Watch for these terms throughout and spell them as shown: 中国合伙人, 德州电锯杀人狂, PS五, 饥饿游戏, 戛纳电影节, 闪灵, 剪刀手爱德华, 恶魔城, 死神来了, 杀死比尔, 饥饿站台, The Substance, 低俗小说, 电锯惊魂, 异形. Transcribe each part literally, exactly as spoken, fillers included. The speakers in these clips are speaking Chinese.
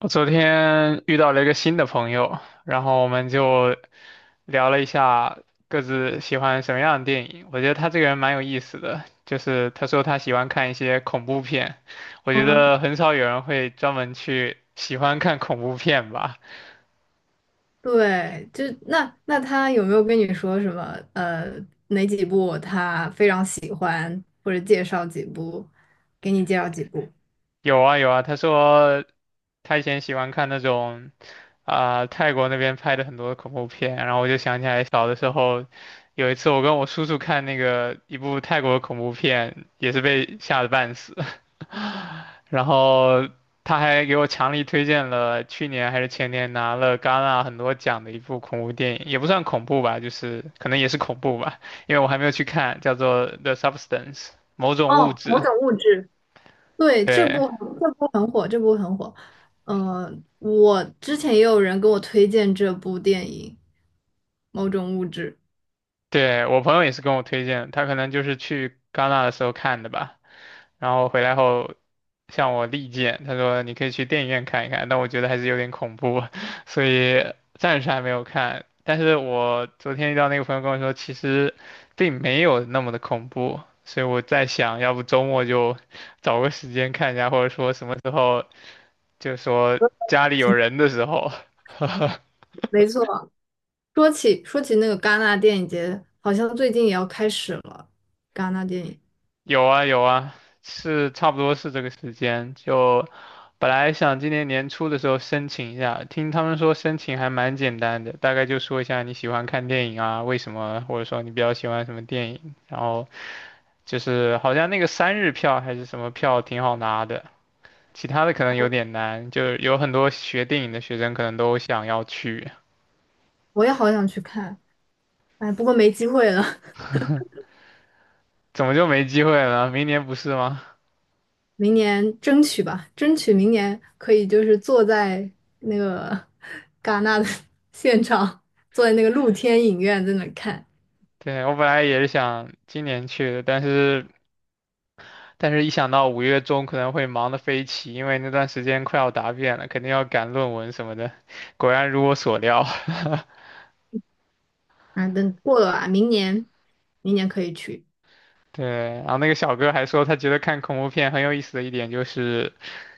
我昨天遇到了一个新的朋友，然后我们就聊了一下各自喜欢什么样的电影。我觉得他这个人蛮有意思的，就是他说他喜欢看一些恐怖片，我觉嗯，得很少有人会专门去喜欢看恐怖片吧。对，就那那他有没有跟你说什么？呃，哪几部他非常喜欢，或者介绍几部，给你介绍几部？有啊有啊，他说他以前喜欢看那种啊、泰国那边拍的很多恐怖片，然后我就想起来小的时候。有一次，我跟我叔叔看那个一部泰国恐怖片，也是被吓得半死。然后他还给我强力推荐了去年还是前年拿了戛纳很多奖的一部恐怖电影，也不算恐怖吧，就是可能也是恐怖吧，因为我还没有去看，叫做《The Substance》某种物哦，某质。种物质。对，这对，部很这部很火，这部很火。呃，我之前也有人跟我推荐这部电影《某种物质》。对，我朋友也是跟我推荐，他可能就是去戛纳的时候看的吧，然后回来后向我力荐，他说你可以去电影院看一看，但我觉得还是有点恐怖啊，所以暂时还没有看。但是我昨天遇到那个朋友跟我说，其实并没有那么的恐怖，所以我在想，要不周末就 找个时间看一下，或者说什么时候，就说家里有人的时候。没错，说起说起那个戛纳电影节，好像最近也要开始了。戛纳电影，有啊有啊，是差不多是这个时间。就本来想今年年初的时候申请一下，听他们说申请还蛮简单的，大概就说一下你喜欢看电影啊，为什么，或者说你比较喜欢什么电影。然后就是好像那个三日票还是什么票挺好拿的，其他的可能有点难，就有很多学电影的学生可能都想要去，我也好想去看，哎，不过没机会了。怎么就没机会了？明年不是吗？明年争取吧，争取明年可以就是坐在那个 戛纳的 现场，坐在那个露天影院在那看。对，我本来也是想今年去的，但是。但是，一想到五月中可能会忙得飞起，因为那段时间快要答辩了，肯定要赶论文什么的。果然如我所料，啊，等过了吧，明年明年可以去。对。然后那个小哥还说，他觉得看恐怖片很有意思的一点就是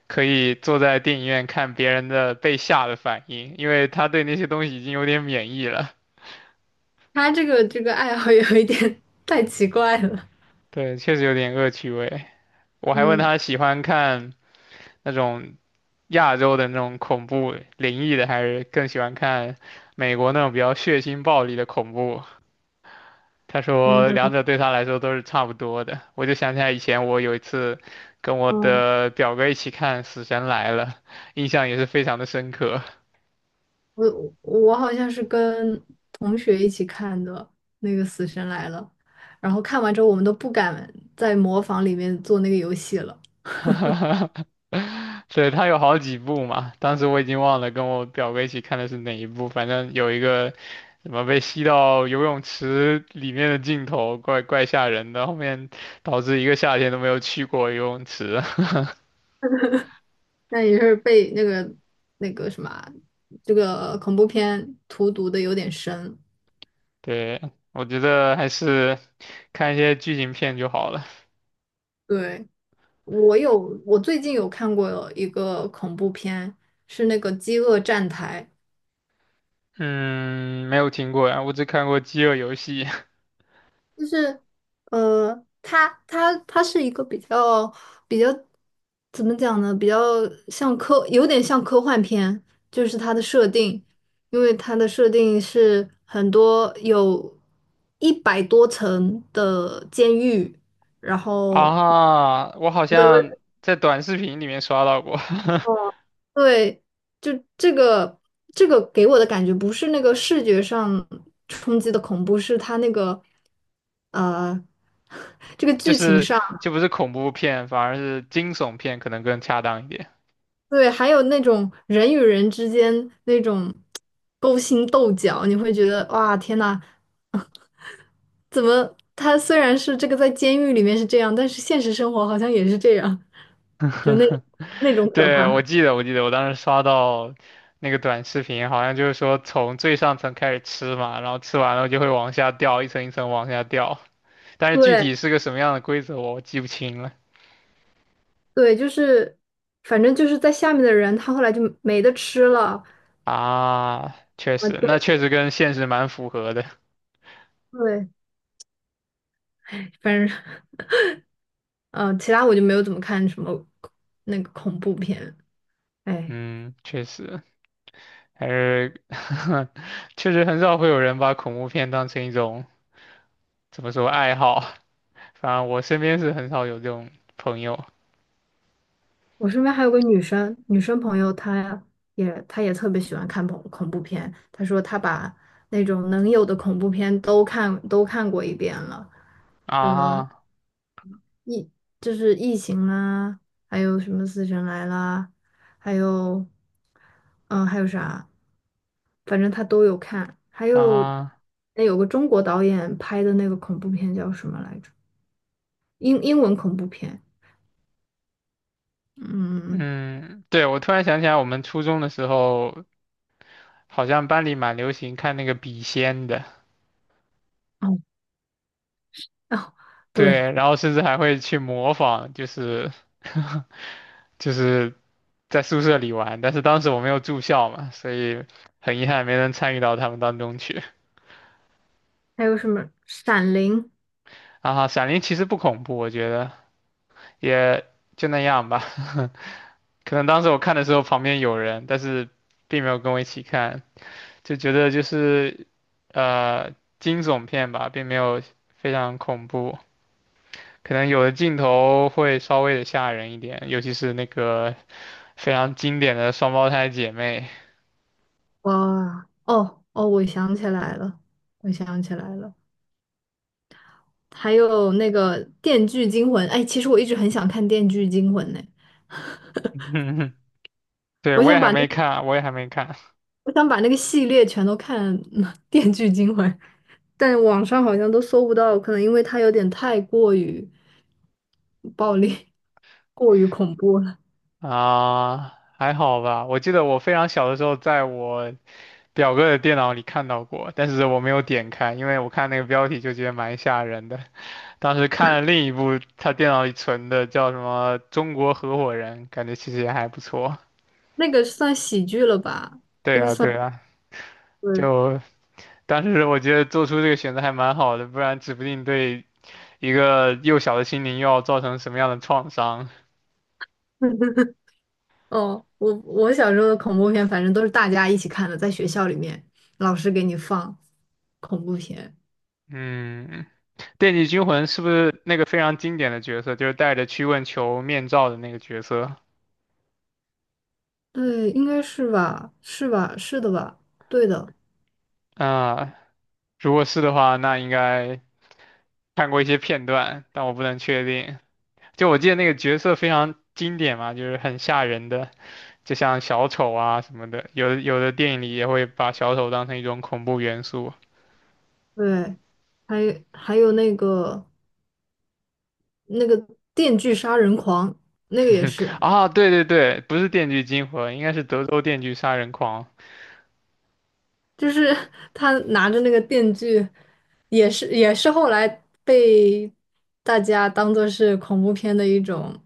可以坐在电影院看别人的被吓的反应，因为他对那些东西已经有点免疫了。他这个这个爱好有一点 太奇怪了。对，确实有点恶趣味。我还问嗯他喜欢看那种亚洲的那种恐怖灵异的，还是更喜欢看美国那种比较血腥暴力的恐怖。他嗯，说他两说，者对他来说都是差不多的。我就想起来以前我有一次跟我嗯，的表哥一起看《死神来了》，印象也是非常的深刻。我我好像是跟同学一起看的那个《死神来了》，然后看完之后我们都不敢在模仿里面做那个游戏了。对，他有好几部嘛，当时我已经忘了跟我表哥一起看的是哪一部，反正有一个什么被吸到游泳池里面的镜头，怪怪吓人的，后面导致一个夏天都没有去过游泳池。那也是被那个那个什么啊这个恐怖片荼毒的有点深。对，我觉得还是看一些剧情片就好了。对，我有，我最近有看过一个恐怖片，是那个《饥饿站台》，嗯，没有听过呀，我只看过《饥饿游戏》。就是，呃，他他他是一个比较比较怎么讲呢？比较像科，有点像科幻片，就是它的设定，因为它的设定是很多有一百多层的监狱，然 后，啊，我好对像在短视频里面刷到过。哦，对，就这个这个给我的感觉不是那个视觉上冲击的恐怖，是它那个呃 这个 就剧情是上。就不是恐怖片，反而是惊悚片可能更恰当一点。对，还有那种人与人之间那种勾心斗角，你会觉得哇，天呐，怎么他虽然是这个在监狱里面是这样，但是现实生活好像也是这样，就那 那种可对，我怕。记得，我记得，我当时刷到那个短视频，好像就是说从最上层开始吃嘛，然后吃完了就会往下掉，一层一层往下掉，但是具对体是个什么样的规则我记不清了。对，就是反正就是在下面的人，他后来就没得吃了啊，啊，确实，那对确实跟现实蛮符合的。对，哎反正嗯、呃其他我就没有怎么看什么那个恐怖片，哎。嗯，确实，还是 确实很少会有人把恐怖片当成一种怎么说爱好，反正我身边是很少有这种朋友。我身边还有个女生，女生朋友，她也她也特别喜欢看恐恐怖片。她说她把那种能有的恐怖片都看都看过一遍了，什么啊异就是异形啦，还有什么死神来啦，还有嗯还有啥，反正她都有看。还有啊，那有个中国导演拍的那个恐怖片叫什么来着？英英文恐怖片，嗯嗯嗯，对，我突然想起来，我们初中的时候好像班里蛮流行看那个笔仙的。嗯哦哦，对。对，然后甚至还会去模仿，就是 就是在宿舍里玩，但是当时我没有住校嘛，所以很遗憾没能参与到他们当中去。还有什么《闪灵》？啊，《闪灵》其实不恐怖，我觉得也就那样吧。可能当时我看的时候旁边有人，但是并没有跟我一起看，就觉得就是呃惊悚片吧，并没有非常恐怖。可能有的镜头会稍微的吓人一点，尤其是那个非常经典的双胞胎姐妹。哇，哦哦，我想起来了，我想起来了，还有那个《电锯惊魂》。哎，其实我一直很想看《电锯惊魂》呢，对，我我想也还把那没个看，我也还没看。我想把那个系列全都看，嗯《电锯惊魂》，但网上好像都搜不到，可能因为它有点太过于暴力、过于恐怖了。啊，还好吧。我记得我非常小的时候，在我表哥的电脑里看到过，但是我没有点开，因为我看那个标题就觉得蛮吓人的。当时看了另一部他电脑里存的，叫什么《中国合伙人》，感觉其实也还不错。那个算喜剧了吧？对那个啊，算对啊，对，就当时我觉得做出这个选择还蛮好的，不然指不定对一个幼小的心灵又要造成什么样的创伤。哦，我我小时候的恐怖片，反正都是大家一起看的，在学校里面，老师给你放恐怖片。嗯，电锯惊魂是不是那个非常经典的角色，就是戴着驱蚊球面罩的那个角色？对，应该是吧？是吧？是的吧？对的，啊、如果是的话，那应该看过一些片段，但我不能确定。就我记得那个角色非常经典嘛，就是很吓人的，就像小丑啊什么的。有的有的电影里也会把小丑当成一种恐怖元素。对。还还有那个那个《电锯杀人狂》，那个也 是。啊，对对对，不是电锯惊魂，应该是德州电锯杀人狂。就是 他拿着那个电锯，也是也是后来被大家当做是恐怖片的一种，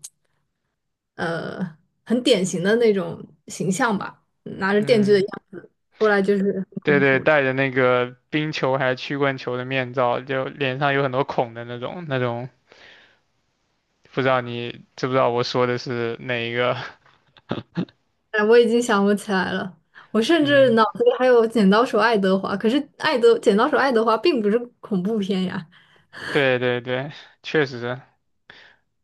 呃，很典型的那种形象吧，拿着电锯的嗯，样子出来就是对很恐对，怖。戴着那个冰球还是曲棍球的面罩，就脸上有很多孔的那种，那种不知道你知不知道我说的是哪一个？哎，我已经想不起来了，我甚至嗯，脑子里还有《剪刀手爱德华》，可是爱德《剪刀手爱德华》并不是恐怖片呀。对对对，确实。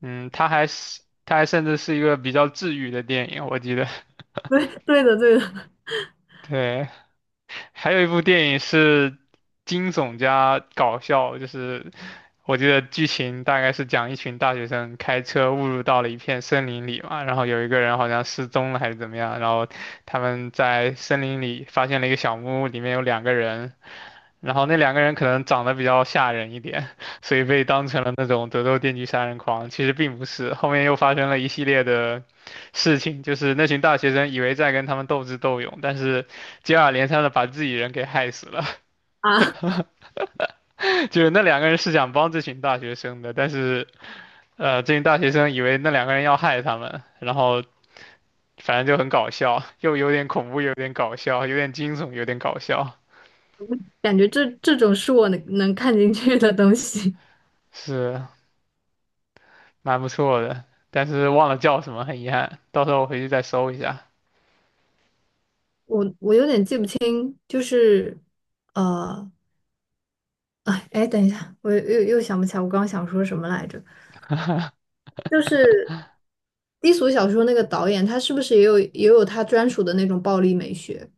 嗯，它还是它还甚至是一个比较治愈的电影，我记得。对对的对的 对，还有一部电影是惊悚加搞笑，就是我记得剧情大概是讲一群大学生开车误入到了一片森林里嘛，然后有一个人好像失踪了还是怎么样，然后他们在森林里发现了一个小木屋，里面有两个人，然后那两个人可能长得比较吓人一点，所以被当成了那种德州电锯杀人狂。其实并不是，后面又发生了一系列的事情，就是那群大学生以为在跟他们斗智斗勇，但是接二连三的把自己人给害死了。啊，就是那两个人是想帮这群大学生的，但是呃，这群大学生以为那两个人要害他们，然后反正就很搞笑，又有点恐怖，有点搞笑，有点惊悚，有点搞笑。感觉这这种是我能能看进去的东西。是，蛮不错的，但是忘了叫什么，很遗憾，到时候我回去再搜一下。我我有点记不清，就是呃，哎哎，等一下，我又又想不起来我刚刚想说什么来着。就是低俗小说那个导演，他是不是也有也有他专属的那种暴力美学？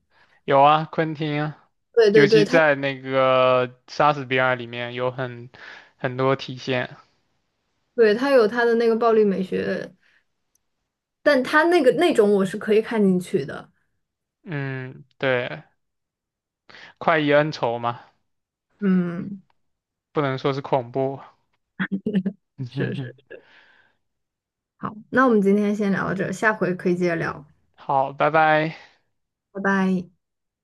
有啊，昆汀，对尤对其对，他在那个《杀死比尔》里面有很很多体现。对他有他的那个暴力美学，但他那个那种我是可以看进去的。嗯，对，快意恩仇嘛，嗯，不能说是恐怖。是是，好，那我们今天先聊到这儿，下回可以接着聊，好，拜拜。拜拜。